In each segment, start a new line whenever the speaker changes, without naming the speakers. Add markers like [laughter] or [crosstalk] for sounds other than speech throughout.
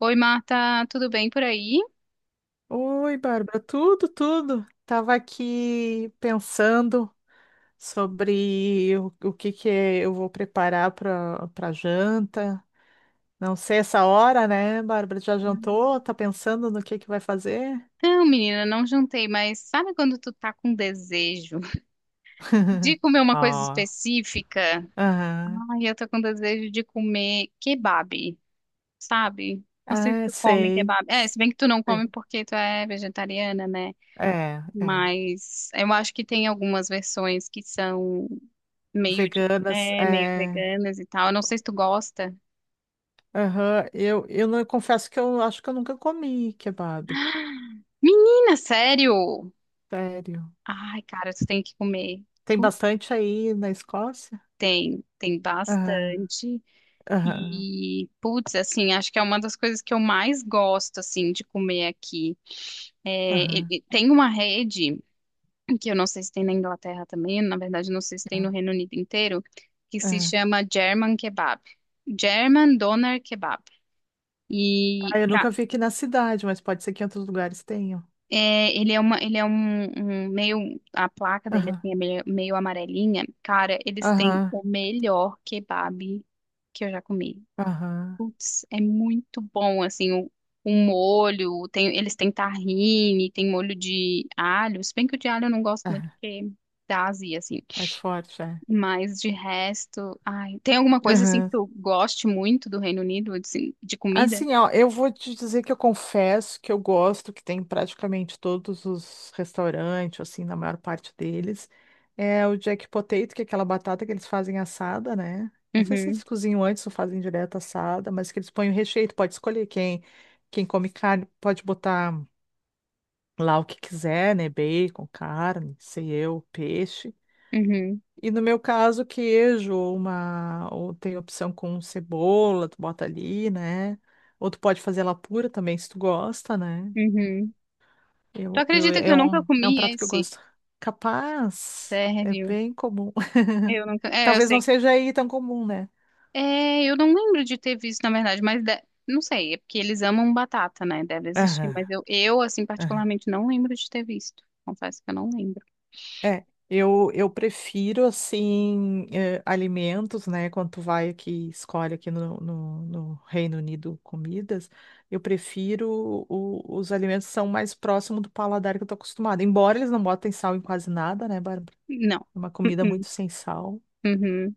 Oi, Marta, tudo bem por aí?
Oi, Bárbara, tudo. Tava aqui pensando sobre o que que eu vou preparar para janta. Não sei essa hora, né, Bárbara? Já jantou? Tá pensando no que vai fazer?
Não, menina, não jantei, mas sabe quando tu tá com desejo [laughs] de
[laughs]
comer uma coisa
Ó.
específica?
Aham.
Ai, eu tô com desejo de comer kebab, sabe? Não sei se
Ah,
tu come
sei.
kebab. É, se bem que tu não
Sei.
come porque tu é vegetariana, né?
É, é.
Mas eu acho que tem algumas versões que são meio, tipo,
Veganas,
meio
é.
veganas e tal. Eu não sei se tu gosta.
Aham. Eu não eu confesso que eu acho que eu nunca comi kebab.
Menina, sério?
Sério.
Ai, cara, tu tem que comer.
Tem bastante aí na Escócia?
Tem
Aham.
bastante.
Aham,
E, putz, assim, acho que é uma das coisas que eu mais gosto, assim, de comer aqui. É, e-
aham,
e tem uma rede, que eu não sei se tem na Inglaterra também, na verdade, não sei se tem no
aham,
Reino Unido inteiro, que se
é.
chama German Kebab. German Doner Kebab. E
Ah, eu
ca-
nunca vi aqui na cidade, mas pode ser que em outros lugares tenham.
é, ele é uma, ele é um, um meio, a placa dele,
Aham,
assim, é meio amarelinha. Cara, eles têm
aham,
o melhor kebab que eu já comi.
aham,
Putz, é muito bom, assim, o molho, eles têm tahine, tem molho de alho, se bem que o de alho eu não gosto muito
aham,
porque dá azia, assim,
mais forte, é.
mas de resto, ai, tem alguma coisa, assim, que
Aham.
tu goste muito do Reino Unido, assim, de comida?
Assim, ó, eu vou te dizer que eu confesso que eu gosto que tem em praticamente todos os restaurantes, assim, na maior parte deles. É o jack potato, que é aquela batata que eles fazem assada, né? Não sei se
Uhum,
eles cozinham antes ou fazem direto assada, mas que eles põem o recheio, tu pode escolher quem, quem come carne, pode botar lá o que quiser, né? Bacon, carne, sei eu, peixe.
uhum,
E no meu caso, queijo, ou uma, ou tem opção com cebola, tu bota ali, né? Ou tu pode fazer ela pura também, se tu gosta, né?
uhum. Tu
Eu, eu,
acredita que
é
eu nunca
um, é um
comi
prato que eu
esse?
gosto. Capaz, é
Sério?
bem comum.
Eu
[laughs]
nunca, eu
Talvez não
sei.
seja aí tão comum, né?
É, eu não lembro de ter visto, na verdade, não sei, é porque eles amam batata, né? Deve existir,
Aham,
mas eu, assim,
aham.
particularmente não lembro de ter visto. Confesso que eu não lembro.
É, eu prefiro, assim, alimentos, né? Quando tu vai aqui, escolhe aqui no Reino Unido comidas, eu prefiro o- os alimentos que são mais próximos do paladar que eu tô acostumada. Embora eles não botem sal em quase nada, né, Bárbara?
Não.
É uma comida
Uh-uh.
muito sem sal.
Uhum.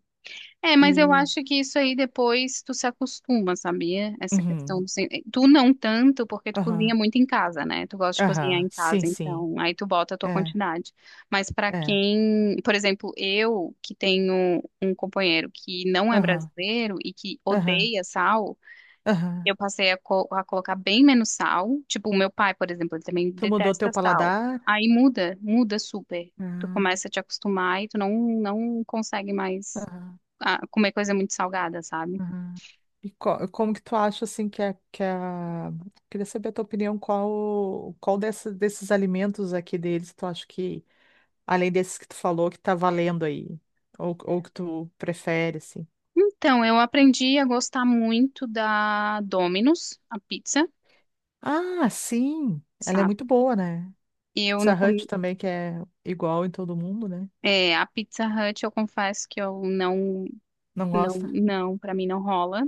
É, mas eu
E.
acho que isso aí depois tu se acostuma, sabia? Essa questão
Uhum,
do tu não tanto, porque tu
aham,
cozinha muito em casa, né? Tu gosta de cozinhar
aham,
em
sim,
casa,
sim.
então aí tu bota a tua
É,
quantidade. Mas pra
é,
quem, por exemplo, eu que tenho um companheiro que não é
aham,
brasileiro e que
aham,
odeia sal,
aham.
eu passei a, a colocar bem menos sal. Tipo, o meu pai, por exemplo, ele também
Tu mudou
detesta
teu
sal.
paladar?
Aí muda, muda super. Tu
Ah,
começa a te acostumar e tu não consegue mais
Aham.
comer coisa muito salgada, sabe?
Uhum. E co- como que tu acha assim que é que a... Queria saber a tua opinião, qual dessa- desses alimentos aqui deles tu acha que além desses que tu falou que tá valendo aí ou que tu prefere assim?
Então, eu aprendi a gostar muito da Domino's, a pizza,
Ah, sim, ela é muito
sabe?
boa, né?
Eu não
Pizza Hut
comi...
também que é igual em todo mundo, né?
É, a Pizza Hut, eu confesso que eu não,
Não
não,
gosta?
não, pra mim não rola.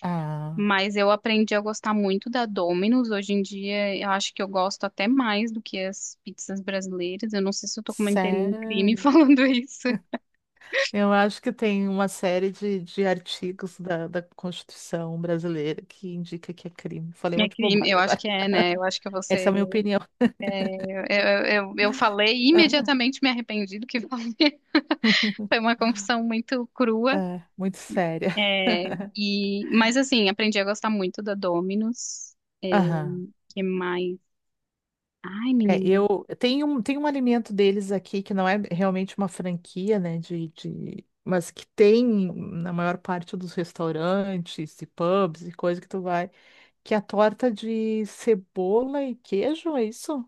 Ah,
Mas eu aprendi a gostar muito da Domino's. Hoje em dia, eu acho que eu gosto até mais do que as pizzas brasileiras. Eu não sei se eu tô cometendo um crime [laughs]
sério?
falando isso.
Eu acho que tem uma série de artigos da Constituição brasileira que indica que é crime. Falei um
É
monte de
crime, eu
bobagem
acho
agora.
que é, né? Eu acho que
Essa
você.
é a minha opinião.
Eu falei e
[laughs]
imediatamente me arrependi do que falei. [laughs] Foi uma confusão muito crua.
Muito séria.
É, e, mas assim, aprendi a gostar muito da Domino's. É,
Aham. [laughs]
que mais? Ai,
É,
menino.
tem um alimento deles aqui que não é realmente uma franquia, né, mas que tem na maior parte dos restaurantes e pubs e coisa que tu vai, que é a torta de cebola e queijo, é isso?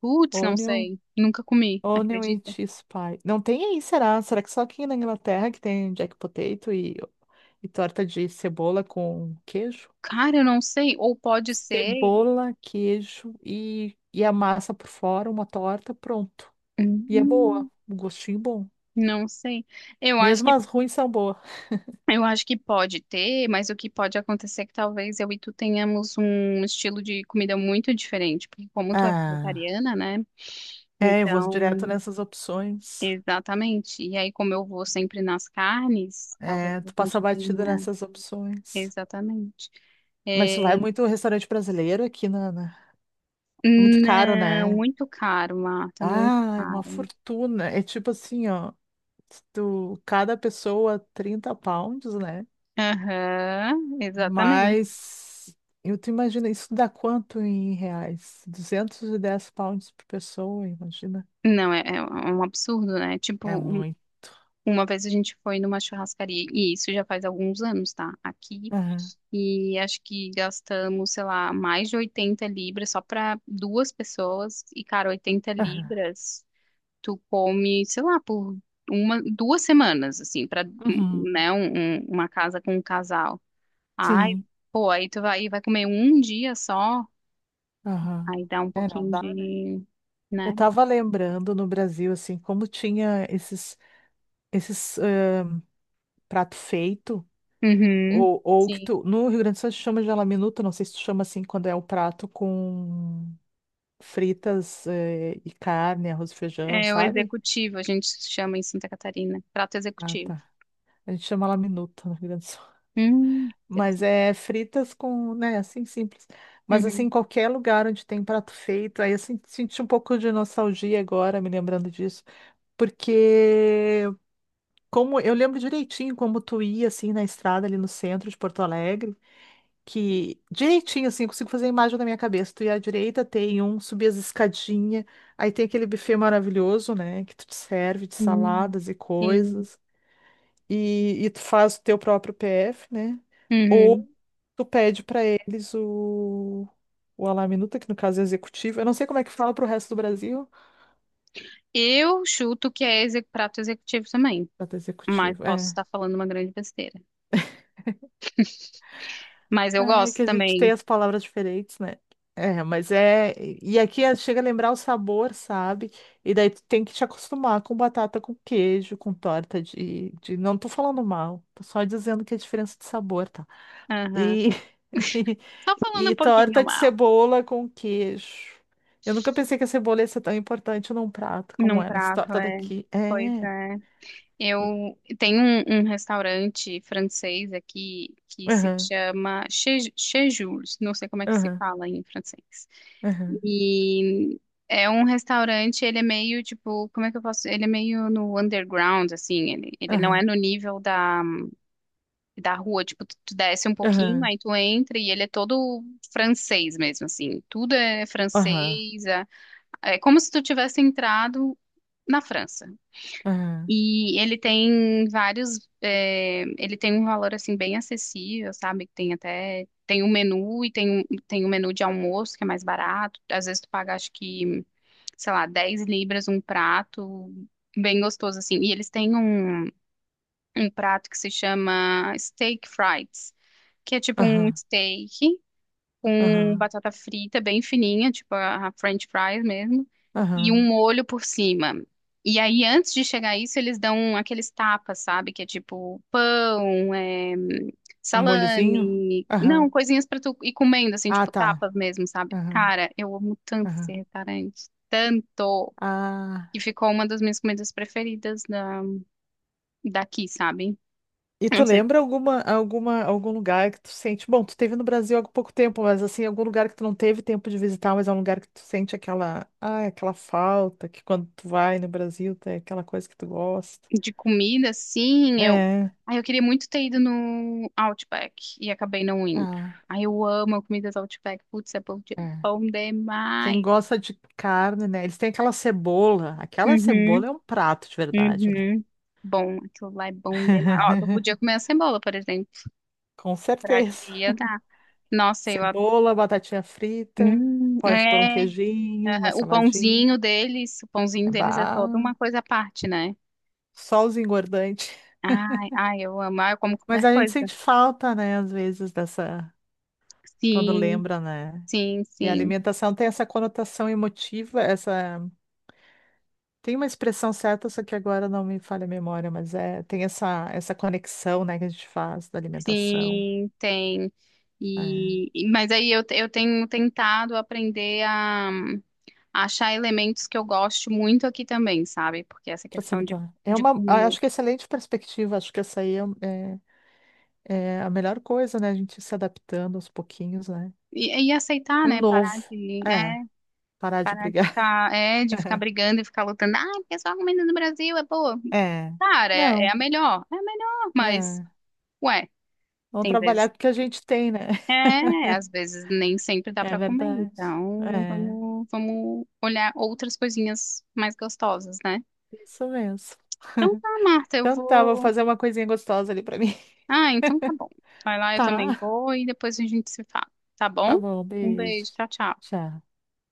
Putz, não
Onion,
sei. Nunca comi,
onion and
acredita?
cheese pie. Não tem aí, será? Será que só aqui na Inglaterra que tem jack potato e torta de cebola com queijo?
Cara, eu não sei. Ou pode ser.
Cebola, queijo e a massa por fora, uma torta, pronto. E é boa,
Hum,
um gostinho bom.
não sei. Eu acho
Mesmo
que
as ruins são boas.
eu acho que pode ter, mas o que pode acontecer é que talvez eu e tu tenhamos um estilo de comida muito diferente, porque como tu é
Ah,
vegetariana, né?
é, eu vou direto
Então,
nessas opções.
exatamente. E aí, como eu vou sempre nas carnes, talvez
É,
a
tu
gente
passa batida
tenha
nessas opções.
exatamente.
Mas
É,
tu vai muito ao restaurante brasileiro aqui, Nana. É muito caro,
não,
né?
muito caro, Marta, muito
Ah, é uma
caro.
fortuna. É tipo assim, ó. Tu, cada pessoa 30 pounds, né?
Aham, exatamente.
Mas eu te imagino, isso dá quanto em reais? 210 pounds por pessoa, imagina.
Não, é um absurdo, né?
É
Tipo,
muito.
uma vez a gente foi numa churrascaria, e isso já faz alguns anos, tá? Aqui,
Aham,
e acho que gastamos, sei lá, mais de 80 libras só para 2 pessoas. E, cara, oitenta
aham.
libras, tu come, sei lá, por uma, duas semanas, assim, para,
Uhum,
né, uma casa com um casal. Ai,
Sim,
pô, aí tu vai, comer um dia só,
aham.
aí dá um
É, não
pouquinho
dá, né?
de,
Eu
né?
tava lembrando no Brasil, assim, como tinha esses prato feito,
Uhum.
ou que
Sim.
tu, no Rio Grande do Sul se chama de laminuta, não sei se tu chama assim quando é o prato com fritas e carne, arroz e feijão,
É o
sabe?
executivo, a gente chama em Santa Catarina, prato
Ah,
executivo.
tá. A gente chama laminuta no Rio Grande do Sul.
Hum,
Mas
interessante.
é fritas com, né, assim simples. Mas assim,
Uhum.
em qualquer lugar onde tem prato feito, aí eu sen- senti um pouco de nostalgia agora, me lembrando disso, porque como eu lembro direitinho como tu ia assim na estrada ali no centro de Porto Alegre, que direitinho assim, eu consigo fazer a imagem da minha cabeça. Tu ia à direita, tem um, subir as escadinhas, aí tem aquele buffet maravilhoso, né, que tu te serve de
Hum,
saladas e
sim.
coisas e tu faz o teu próprio PF, né? Ou
Uhum.
tu pede para eles o Ala-minuta, que no caso é executivo. Eu não sei como é que fala para o resto do Brasil.
Eu chuto que é prato executivo também,
Até
mas
executivo,
posso
é.
estar falando uma grande besteira. Mas eu
É
gosto
que a gente tem
também.
as palavras diferentes, né? É, mas é. E aqui é- chega a lembrar o sabor, sabe? E daí tu tem que te acostumar com batata com queijo, com torta de... Não tô falando mal, tô só dizendo que é a diferença de sabor, tá?
Aham.
E, [laughs]
Só falando
e
um
torta
pouquinho
de
mal.
cebola com queijo. Eu nunca pensei que a cebola ia ser tão importante num prato como
Num
é nessa
prato,
torta
é.
daqui.
Pois
É.
é. Eu
e-
tenho um, um restaurante francês aqui que se
Aham,
chama Chez Jules. Não sei como é que se
aham,
fala em francês.
aham,
E é um restaurante, ele é meio tipo, como é que eu posso? Ele é meio no underground, assim, ele não é
aham,
no nível da rua, tipo, tu desce um pouquinho,
aham,
aí tu entra e ele é todo francês mesmo, assim, tudo é
aham,
francês, é como se tu tivesse entrado na França.
aham,
E ele tem ele tem um valor, assim, bem acessível, sabe? Que tem um menu e tem um menu de almoço que é mais barato, às vezes tu paga, acho que sei lá, 10 libras um prato bem gostoso assim. E eles têm um prato que se chama steak fries, que é tipo um
aham,
steak com
aham,
batata frita bem fininha, tipo a French fries mesmo, e um
aham.
molho por cima. E aí, antes de chegar isso, eles dão aqueles tapas, sabe? Que é tipo pão,
Um molhozinho?
salame,
Aham.
não, coisinhas pra tu ir comendo, assim,
Ah,
tipo
tá.
tapas mesmo, sabe?
Aham,
Cara, eu amo tanto esse
aham.
restaurante, tanto. E
Ah.
ficou uma das minhas comidas preferidas daqui, sabe?
E tu
Não sei,
lembra algum lugar que tu sente? Bom, tu teve no Brasil há pouco tempo, mas assim, algum lugar que tu não teve tempo de visitar, mas é um lugar que tu sente aquela, ah, aquela falta, que quando tu vai no Brasil tem aquela coisa que tu gosta.
de comida, sim, eu...
É,
eu queria muito ter ido no Outback e acabei não indo.
ah,
Ai, eu amo a comida do Outback. Putz, é bom,
é.
bom
Quem
demais.
gosta de carne, né? Eles têm aquela cebola. Aquela
Uhum,
cebola é um prato de verdade, né?
uhum. Bom, aquilo lá é bom demais. Ó, tu podia
[laughs]
comer a cebola, por exemplo,
Com
pra
certeza.
te dar. Nossa, eu adoro.
Cebola, batatinha frita, pode pôr um
É,
queijinho, uma
aham,
saladinha.
o pãozinho deles é toda
Bah,
uma coisa à parte, né?
só os engordantes.
Ai, ai, eu amo. Ah, eu como
Mas
qualquer
a gente
coisa.
sente falta, né, às vezes, dessa, quando
Sim,
lembra, né?
sim,
E a
sim,
alimentação tem essa conotação emotiva, essa, tem uma expressão certa, só que agora não me falha a memória, mas é, tem essa, essa conexão, né, que a gente faz da alimentação.
sim, tem.
É,
Mas aí eu tenho tentado aprender a achar elementos que eu gosto muito aqui também, sabe? Porque essa
pra se
questão de,
habituar. É
de
uma, ah,
comer.
acho que é excelente perspectiva, acho que essa aí é, um, é, é a melhor coisa, né? A gente se adaptando aos pouquinhos, né?
E aceitar,
Um
né?
novo. É, parar de
Parar de
brigar.
de ficar
[laughs]
brigando e ficar lutando. Ah, porque só a comida do Brasil é boa.
É.
Cara, é
Não,
a melhor. É a melhor, mas,
é.
ué,
Vamos
tem
trabalhar
vezes.
com o que a gente tem, né?
É, às vezes nem sempre dá
É
para comer,
verdade.
então
É,
vamos, vamos olhar outras coisinhas mais gostosas, né?
isso mesmo.
Então tá, Marta, eu
Então tá, vou
vou.
fazer uma coisinha gostosa ali pra mim.
Ah, então tá bom.
[laughs]
Vai lá, eu também
Tá,
vou e depois a gente se fala, tá bom?
tá bom,
Um
beijo.
beijo, tchau, tchau.
Tchau.